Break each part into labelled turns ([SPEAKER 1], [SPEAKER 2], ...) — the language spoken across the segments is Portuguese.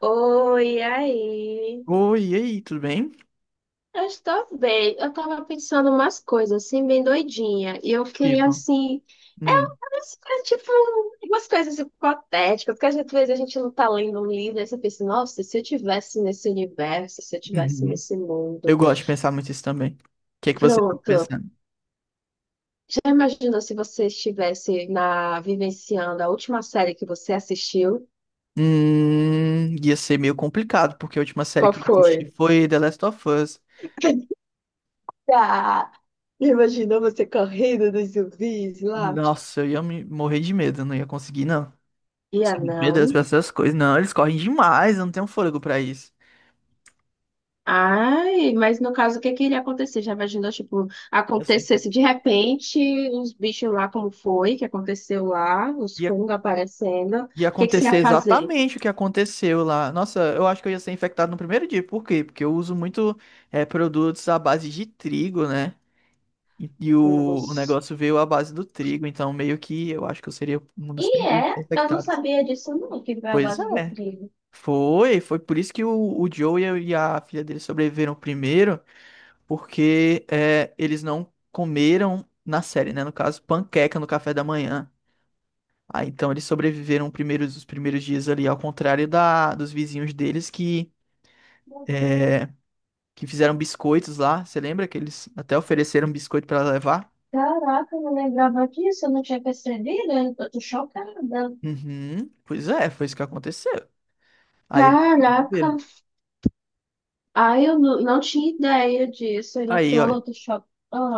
[SPEAKER 1] Oi, aí.
[SPEAKER 2] Oi, e aí, tudo bem?
[SPEAKER 1] Eu estou bem. Eu estava pensando umas coisas, assim, bem doidinha. E eu queria,
[SPEAKER 2] Tipo,
[SPEAKER 1] assim... É,
[SPEAKER 2] hum,
[SPEAKER 1] umas coisas, tipo, umas coisas hipotéticas, porque às vezes a gente não tá lendo um livro e você pensa, nossa, se eu tivesse nesse universo, se eu tivesse
[SPEAKER 2] Uhum.
[SPEAKER 1] nesse mundo.
[SPEAKER 2] Eu gosto de pensar muito isso também. O que é que você tá
[SPEAKER 1] Pronto.
[SPEAKER 2] pensando?
[SPEAKER 1] Já imaginou se você estivesse na, vivenciando a última série que você assistiu?
[SPEAKER 2] Ia ser meio complicado, porque a última série
[SPEAKER 1] Qual
[SPEAKER 2] que eu
[SPEAKER 1] foi?
[SPEAKER 2] assisti foi The Last of Us.
[SPEAKER 1] Ah, imaginou você correndo dos zumbis lá?
[SPEAKER 2] Nossa, eu ia me morrer de medo, eu não ia conseguir, não.
[SPEAKER 1] Ia
[SPEAKER 2] Sou muito medo
[SPEAKER 1] não.
[SPEAKER 2] dessas coisas. Não, eles correm demais, eu não tenho fôlego pra isso.
[SPEAKER 1] Ai, mas no caso, o que que iria acontecer? Já imaginou, tipo,
[SPEAKER 2] Eu sei que
[SPEAKER 1] acontecesse de repente os bichos lá, como foi, que aconteceu lá, os
[SPEAKER 2] ia,
[SPEAKER 1] fungos aparecendo. O
[SPEAKER 2] ia
[SPEAKER 1] que que você
[SPEAKER 2] acontecer
[SPEAKER 1] ia fazer?
[SPEAKER 2] exatamente o que aconteceu lá. Nossa, eu acho que eu ia ser infectado no primeiro dia. Por quê? Porque eu uso muito produtos à base de trigo, né? E o
[SPEAKER 1] Fungos.
[SPEAKER 2] negócio veio à base do trigo, então meio que eu acho que eu seria um dos
[SPEAKER 1] E
[SPEAKER 2] primeiros
[SPEAKER 1] é, eu não
[SPEAKER 2] infectados.
[SPEAKER 1] sabia disso não, que foi a
[SPEAKER 2] Pois
[SPEAKER 1] base do
[SPEAKER 2] é.
[SPEAKER 1] trigo.
[SPEAKER 2] Foi por isso que o Joe e a filha dele sobreviveram primeiro, porque é, eles não comeram na série, né? No caso, panqueca no café da manhã. Ah, então eles sobreviveram primeiros, os primeiros dias ali, ao contrário dos vizinhos deles que, é, que fizeram biscoitos lá. Você lembra que eles até ofereceram biscoito para levar?
[SPEAKER 1] Caraca, eu não lembrava disso, eu não tinha percebido, eu tô chocada.
[SPEAKER 2] Uhum. Pois é, foi isso que aconteceu. Aí,
[SPEAKER 1] Caraca,
[SPEAKER 2] viram.
[SPEAKER 1] ai, eu não, não tinha ideia disso. Você já eu
[SPEAKER 2] Aí, ó,
[SPEAKER 1] tô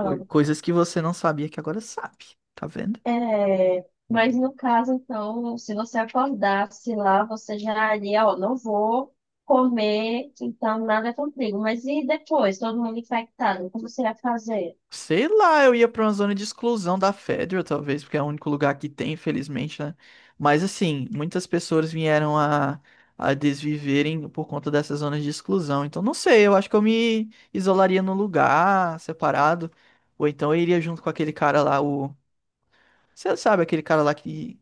[SPEAKER 2] coisas que você não sabia que agora sabe, tá vendo?
[SPEAKER 1] É, mas no caso, então, se você acordasse lá, você já iria, ó, não vou comer, então nada contigo. Mas e depois, todo mundo infectado, como você ia fazer?
[SPEAKER 2] Sei lá, eu ia pra uma zona de exclusão da Federal, talvez, porque é o único lugar que tem, infelizmente, né? Mas assim, muitas pessoas vieram a desviverem por conta dessas zonas de exclusão. Então, não sei, eu acho que eu me isolaria num lugar separado, ou então eu iria junto com aquele cara lá, o. Você sabe, aquele cara lá que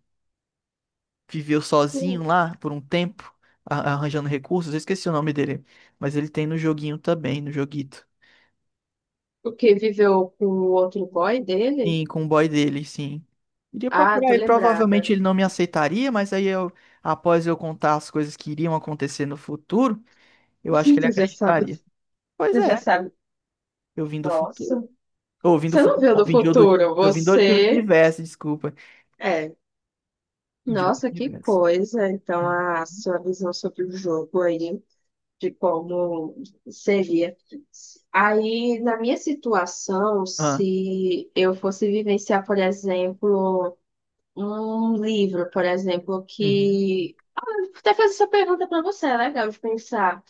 [SPEAKER 2] viveu sozinho
[SPEAKER 1] O
[SPEAKER 2] lá por um tempo, arranjando recursos. Eu esqueci o nome dele, mas ele tem no joguinho também, no joguito.
[SPEAKER 1] o que viveu com o outro boy dele?
[SPEAKER 2] Sim, com o boy dele, sim. Iria
[SPEAKER 1] Ah,
[SPEAKER 2] procurar
[SPEAKER 1] tô
[SPEAKER 2] ele, provavelmente
[SPEAKER 1] lembrada.
[SPEAKER 2] ele não me aceitaria, mas aí eu, após eu contar as coisas que iriam acontecer no futuro, eu acho que ele
[SPEAKER 1] Tu já sabe.
[SPEAKER 2] acreditaria. Pois
[SPEAKER 1] Você já
[SPEAKER 2] é,
[SPEAKER 1] sabe,
[SPEAKER 2] eu vim do futuro.
[SPEAKER 1] nossa,
[SPEAKER 2] Ou vim do
[SPEAKER 1] você não
[SPEAKER 2] futuro,
[SPEAKER 1] viu
[SPEAKER 2] não,
[SPEAKER 1] do
[SPEAKER 2] vim de outro,
[SPEAKER 1] futuro,
[SPEAKER 2] eu vim do outro
[SPEAKER 1] você
[SPEAKER 2] universo, desculpa.
[SPEAKER 1] é.
[SPEAKER 2] De outro
[SPEAKER 1] Nossa, que
[SPEAKER 2] universo.
[SPEAKER 1] coisa. Então, a sua visão sobre o jogo aí. De como seria. Aí, na minha situação,
[SPEAKER 2] Ah,
[SPEAKER 1] se eu fosse vivenciar, por exemplo, um livro, por exemplo,
[SPEAKER 2] uhum.
[SPEAKER 1] que. Vou até fazer essa pergunta para você, é legal de pensar.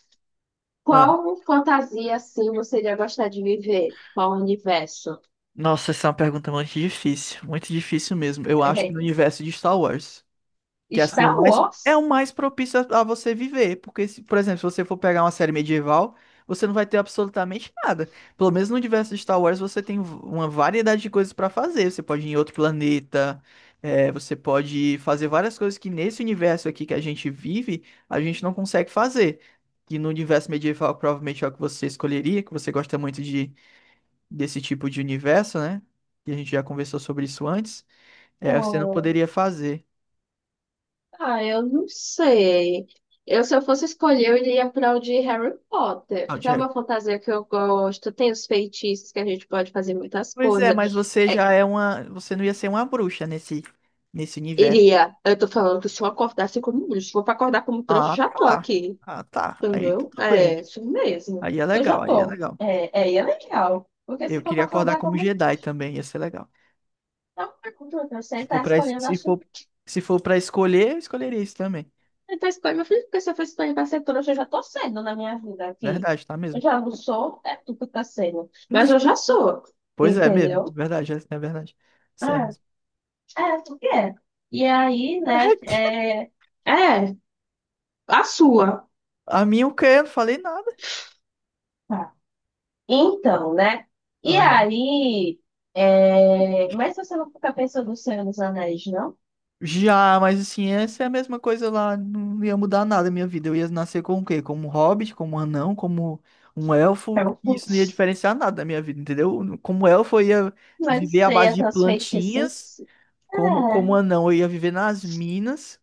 [SPEAKER 2] Ah,
[SPEAKER 1] Qual fantasia, assim, você iria gostar de viver? Qual universo?
[SPEAKER 2] nossa, essa é uma pergunta muito difícil mesmo. Eu acho que no universo de Star Wars. Que assim, o
[SPEAKER 1] Star
[SPEAKER 2] mais é
[SPEAKER 1] Wars?
[SPEAKER 2] o mais propício a você viver, porque se, por exemplo, se você for pegar uma série medieval, você não vai ter absolutamente nada. Pelo menos no universo de Star Wars você tem uma variedade de coisas pra fazer. Você pode ir em outro planeta, é, você pode fazer várias coisas que nesse universo aqui que a gente vive, a gente não consegue fazer. Que no universo medieval provavelmente é o que você escolheria, que você gosta muito de desse tipo de universo, né? Que a gente já conversou sobre isso antes. É, você não poderia fazer.
[SPEAKER 1] Ah, eu não sei. Eu, se eu fosse escolher, eu iria para o de Harry Potter,
[SPEAKER 2] Ah, o
[SPEAKER 1] que é
[SPEAKER 2] Harry.
[SPEAKER 1] uma fantasia que eu gosto. Tem os feitiços que a gente pode fazer muitas
[SPEAKER 2] Pois é, mas
[SPEAKER 1] coisas.
[SPEAKER 2] você
[SPEAKER 1] É,
[SPEAKER 2] já é uma. Você não ia ser uma bruxa nesse universo.
[SPEAKER 1] iria, eu tô falando que se eu acordasse como bruxo, se for para acordar como um trouxa,
[SPEAKER 2] Ah,
[SPEAKER 1] já tô
[SPEAKER 2] tá.
[SPEAKER 1] aqui,
[SPEAKER 2] Ah, tá. Aí
[SPEAKER 1] entendeu?
[SPEAKER 2] tudo
[SPEAKER 1] É,
[SPEAKER 2] bem.
[SPEAKER 1] isso mesmo.
[SPEAKER 2] Aí é
[SPEAKER 1] Eu já
[SPEAKER 2] legal, aí é
[SPEAKER 1] tô.
[SPEAKER 2] legal.
[SPEAKER 1] É, é, e é legal. Porque
[SPEAKER 2] Eu
[SPEAKER 1] se for
[SPEAKER 2] queria
[SPEAKER 1] para
[SPEAKER 2] acordar
[SPEAKER 1] acordar
[SPEAKER 2] como
[SPEAKER 1] como. Um,
[SPEAKER 2] Jedi também, ia ser legal.
[SPEAKER 1] não, eu
[SPEAKER 2] Se for
[SPEAKER 1] estar
[SPEAKER 2] pra, es-
[SPEAKER 1] escolhendo a.
[SPEAKER 2] se for, se for pra escolher, eu escolheria isso também.
[SPEAKER 1] Ele faz coisa, meu filho, porque se eu fiz para pra ser trouxa, eu já tô sendo na minha vida aqui.
[SPEAKER 2] Verdade, tá
[SPEAKER 1] Eu
[SPEAKER 2] mesmo?
[SPEAKER 1] já não sou, é tu que tá sendo. Mas eu já sou,
[SPEAKER 2] Pois é mesmo.
[SPEAKER 1] entendeu?
[SPEAKER 2] Verdade, essa é verdade. Isso é
[SPEAKER 1] Ah,
[SPEAKER 2] mesmo.
[SPEAKER 1] é, tu quer. E aí, né, é, é, a sua.
[SPEAKER 2] A minha o quê? Eu não falei nada.
[SPEAKER 1] Tá. Então, né, e
[SPEAKER 2] Aham.
[SPEAKER 1] aí, é, mas você não fica pensando no Senhor dos Anéis, não?
[SPEAKER 2] Já, mas assim, essa é a mesma coisa lá, não ia mudar nada a minha vida. Eu ia nascer com o quê? Como um hobbit, como um anão, como um
[SPEAKER 1] Eu
[SPEAKER 2] elfo, e
[SPEAKER 1] não
[SPEAKER 2] isso não ia diferenciar nada da minha vida, entendeu? Como elfo, eu ia viver à
[SPEAKER 1] sei
[SPEAKER 2] base de
[SPEAKER 1] até os
[SPEAKER 2] plantinhas,
[SPEAKER 1] feitiços.
[SPEAKER 2] como,
[SPEAKER 1] É,
[SPEAKER 2] como anão, eu ia viver nas minas,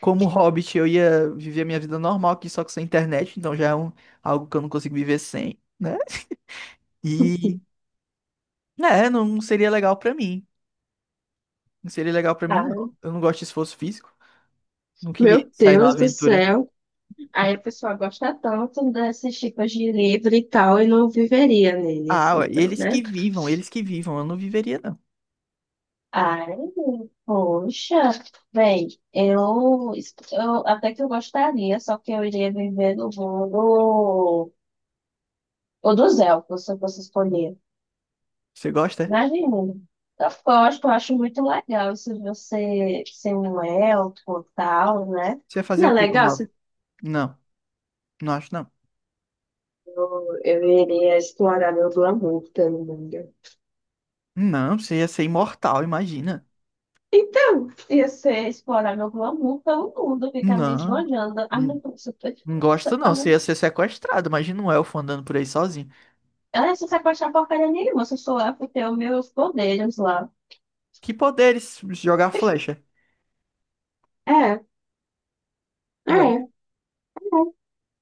[SPEAKER 2] como hobbit, eu ia viver a minha vida normal aqui, só que sem internet, então já é algo que eu não consigo viver sem, né? E, né, não seria legal pra mim. Não seria legal pra mim,
[SPEAKER 1] tá.
[SPEAKER 2] não. Eu não gosto de esforço físico, não queria
[SPEAKER 1] Meu
[SPEAKER 2] sair numa
[SPEAKER 1] Deus do
[SPEAKER 2] aventura.
[SPEAKER 1] céu. Aí a pessoa gosta tanto desses tipos de livro e tal, e não viveria neles,
[SPEAKER 2] Ah, ué,
[SPEAKER 1] então,
[SPEAKER 2] eles que
[SPEAKER 1] né?
[SPEAKER 2] vivam, eles que vivam. Eu não viveria, não.
[SPEAKER 1] Ai, poxa, bem, eu até que eu gostaria, só que eu iria viver no mundo ou dos elfos, se eu fosse escolher.
[SPEAKER 2] Você gosta? É?
[SPEAKER 1] Imagina. Eu gosto, eu acho muito legal isso de você ser um elfo e tal, né?
[SPEAKER 2] Você ia fazer
[SPEAKER 1] Não é
[SPEAKER 2] o quê como
[SPEAKER 1] legal
[SPEAKER 2] ave?
[SPEAKER 1] se
[SPEAKER 2] Não, não acho não.
[SPEAKER 1] eu iria explorar meu glamour pelo mundo.
[SPEAKER 2] Não, você ia ser imortal, imagina.
[SPEAKER 1] Então, ia ser explorar meu glamour pelo mundo, ficar me
[SPEAKER 2] Não,
[SPEAKER 1] esbanjando. Ah, não,
[SPEAKER 2] não
[SPEAKER 1] eu sou
[SPEAKER 2] não gosto
[SPEAKER 1] perfeita. Ah,
[SPEAKER 2] não. Você ia
[SPEAKER 1] não.
[SPEAKER 2] ser sequestrado. Imagina um elfo andando por aí sozinho.
[SPEAKER 1] Ah, eu só sei se achar porcaria nenhuma, só sou lá porque tenho meus poderes lá.
[SPEAKER 2] Que poderes? Jogar flecha.
[SPEAKER 1] É, é,
[SPEAKER 2] Ué,
[SPEAKER 1] é.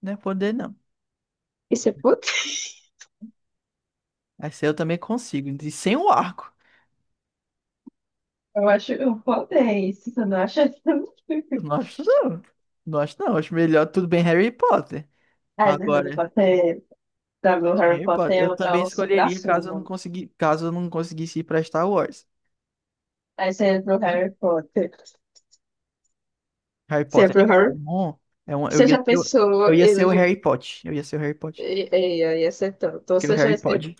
[SPEAKER 2] não é poder não.
[SPEAKER 1] Isso é puto?
[SPEAKER 2] Essa eu também consigo. E sem o arco.
[SPEAKER 1] Eu acho um poder isso, você não acha?
[SPEAKER 2] Eu não acho não. Não acho não. Acho melhor tudo bem Harry Potter.
[SPEAKER 1] Ah, do Harry
[SPEAKER 2] Agora,
[SPEAKER 1] Potter. Pra mim, Harry
[SPEAKER 2] Harry
[SPEAKER 1] Potter
[SPEAKER 2] Potter. Eu
[SPEAKER 1] é
[SPEAKER 2] também
[SPEAKER 1] o
[SPEAKER 2] escolheria
[SPEAKER 1] supra-sumo.
[SPEAKER 2] caso eu não conseguisse ir pra Star Wars.
[SPEAKER 1] Aí você entra pro Harry Potter.
[SPEAKER 2] Harry
[SPEAKER 1] Você é
[SPEAKER 2] Potter é
[SPEAKER 1] pro Harry?
[SPEAKER 2] bom. É um, eu
[SPEAKER 1] Você
[SPEAKER 2] ia
[SPEAKER 1] já
[SPEAKER 2] ser, o-
[SPEAKER 1] pensou
[SPEAKER 2] eu ia
[SPEAKER 1] em
[SPEAKER 2] ser o
[SPEAKER 1] longe...
[SPEAKER 2] Harry Potter. Eu ia ser o Harry Potter.
[SPEAKER 1] Ia ser tanto. Ou
[SPEAKER 2] Que o
[SPEAKER 1] seja,
[SPEAKER 2] Harry Potter.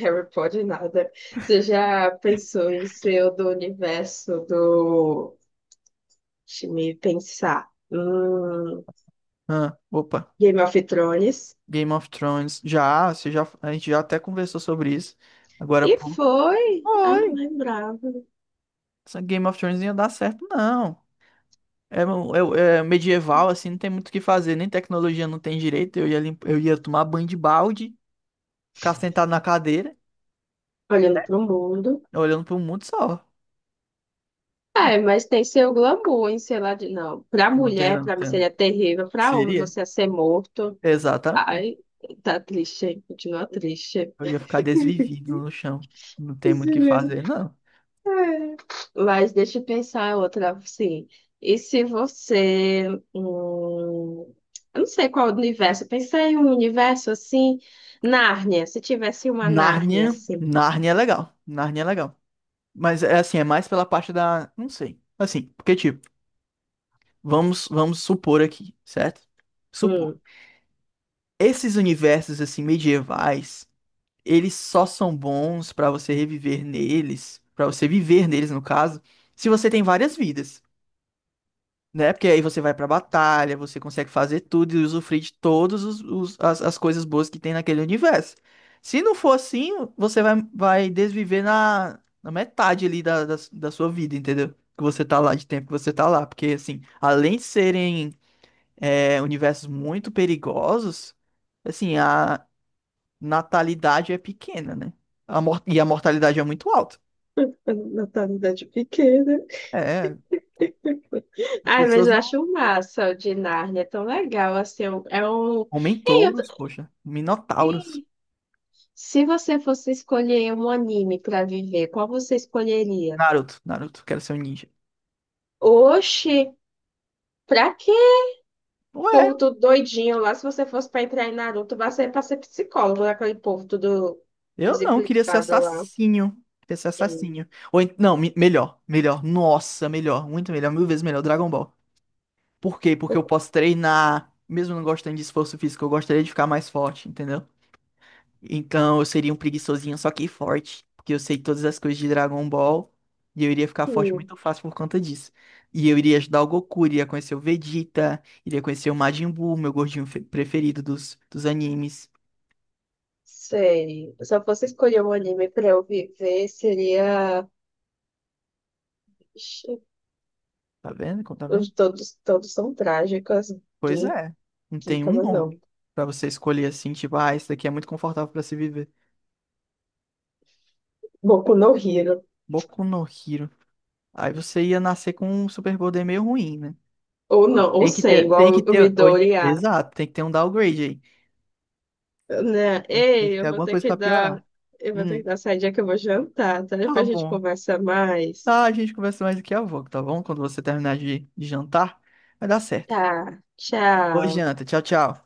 [SPEAKER 1] Harry Potter, nada. Você já pensou em ser o do universo do. Deixa me pensar.
[SPEAKER 2] Ah, opa.
[SPEAKER 1] Game of Thrones?
[SPEAKER 2] Game of Thrones. Já, você já, a gente já até conversou sobre isso. Agora,
[SPEAKER 1] E
[SPEAKER 2] pô.
[SPEAKER 1] foi! Ai, não
[SPEAKER 2] Oi!
[SPEAKER 1] lembrava.
[SPEAKER 2] Essa Game of Thrones não ia dar certo, não. É medieval, assim, não tem muito o que fazer. Nem tecnologia não tem direito. Eu ia tomar banho de balde, ficar sentado na cadeira,
[SPEAKER 1] Olhando pro mundo.
[SPEAKER 2] olhando pro mundo só.
[SPEAKER 1] É, mas tem seu glamour em sei lá de. Não, pra
[SPEAKER 2] Não tem,
[SPEAKER 1] mulher,
[SPEAKER 2] não
[SPEAKER 1] pra mim
[SPEAKER 2] tem.
[SPEAKER 1] seria terrível. Pra homem,
[SPEAKER 2] Seria?
[SPEAKER 1] você ia ser morto.
[SPEAKER 2] Exatamente.
[SPEAKER 1] Ai, tá triste, hein? Continua triste.
[SPEAKER 2] Eu ia ficar desvivido no chão. Não tem muito o que fazer, não.
[SPEAKER 1] Mas deixa eu pensar outra, sim. E se você, hum, eu não sei qual universo, eu pensei em um universo assim, Nárnia, se tivesse uma Nárnia
[SPEAKER 2] Nárnia,
[SPEAKER 1] assim.
[SPEAKER 2] Nárnia é legal. Nárnia é legal. Mas é assim, é mais pela parte da, não sei. Assim, porque tipo, vamos supor aqui, certo? Supor.
[SPEAKER 1] Hum.
[SPEAKER 2] Esses universos assim medievais, eles só são bons pra você reviver neles, pra você viver neles no caso, se você tem várias vidas. Né? Porque aí você vai pra batalha, você consegue fazer tudo e usufruir de todas as coisas boas que tem naquele universo. Se não for assim, você vai desviver na metade ali da sua vida, entendeu? Que você tá lá, de tempo que você tá lá. Porque, assim, além de serem universos muito perigosos, assim, a natalidade é pequena, né? E a mortalidade é muito alta.
[SPEAKER 1] Natalidade pequena.
[SPEAKER 2] É,
[SPEAKER 1] Ai, mas
[SPEAKER 2] pessoas
[SPEAKER 1] eu
[SPEAKER 2] não.
[SPEAKER 1] acho massa o de Nárnia, é tão legal, assim, é um, ei, eu tô-
[SPEAKER 2] Homem-touros, poxa. Minotauros.
[SPEAKER 1] Ei, se você fosse escolher um anime para viver, qual você escolheria?
[SPEAKER 2] Naruto, Naruto, quero ser um ninja.
[SPEAKER 1] Oxi, pra quê?
[SPEAKER 2] Ué,
[SPEAKER 1] Povo tudo doidinho lá. Se você fosse para entrar em Naruto, você ia pra ser psicólogo, né? Aquele povo tudo
[SPEAKER 2] eu não, queria ser
[SPEAKER 1] desequilibrado lá.
[SPEAKER 2] assassino. Queria ser
[SPEAKER 1] É.
[SPEAKER 2] assassino. Ou, não, melhor. Nossa, melhor, muito melhor, mil vezes melhor, Dragon Ball. Por quê? Porque eu posso treinar, mesmo não gostando de esforço físico, eu gostaria de ficar mais forte, entendeu? Então eu seria um preguiçosinho, só que forte. Porque eu sei todas as coisas de Dragon Ball. E eu iria ficar forte
[SPEAKER 1] Hum,
[SPEAKER 2] muito fácil por conta disso. E eu iria ajudar o Goku, iria conhecer o Vegeta, iria conhecer o Majin Buu, meu gordinho preferido dos animes.
[SPEAKER 1] sei. Se eu fosse escolher um anime para eu viver, seria. Ixi,
[SPEAKER 2] Tá vendo? Como Tá
[SPEAKER 1] os
[SPEAKER 2] vendo?
[SPEAKER 1] todos, todos são trágicos.
[SPEAKER 2] Pois
[SPEAKER 1] Quem
[SPEAKER 2] é, não
[SPEAKER 1] quem
[SPEAKER 2] tem um
[SPEAKER 1] fala
[SPEAKER 2] bom
[SPEAKER 1] não?
[SPEAKER 2] pra você escolher assim, tipo, ah, esse daqui é muito confortável pra se viver.
[SPEAKER 1] Boku no Hero.
[SPEAKER 2] Boku no Hero. Aí você ia nascer com um superpoder meio ruim, né?
[SPEAKER 1] Ou não, ou
[SPEAKER 2] Tem que
[SPEAKER 1] sem,
[SPEAKER 2] ter,
[SPEAKER 1] igual
[SPEAKER 2] tem que
[SPEAKER 1] o
[SPEAKER 2] ter,
[SPEAKER 1] Midori.
[SPEAKER 2] exato, tem que ter um downgrade aí.
[SPEAKER 1] Né?
[SPEAKER 2] Tem que
[SPEAKER 1] Ei,
[SPEAKER 2] ter
[SPEAKER 1] eu vou
[SPEAKER 2] alguma
[SPEAKER 1] ter
[SPEAKER 2] coisa
[SPEAKER 1] que
[SPEAKER 2] pra
[SPEAKER 1] dar.
[SPEAKER 2] piorar.
[SPEAKER 1] Eu vou ter que
[SPEAKER 2] Hum,
[SPEAKER 1] dar saída que eu vou jantar, tá?
[SPEAKER 2] tá
[SPEAKER 1] Depois a gente
[SPEAKER 2] bom.
[SPEAKER 1] conversa mais.
[SPEAKER 2] Tá, a gente conversa mais daqui a pouco, tá bom? Quando você terminar de jantar, vai dar certo.
[SPEAKER 1] Tá,
[SPEAKER 2] Boa
[SPEAKER 1] tchau.
[SPEAKER 2] janta, tchau, tchau.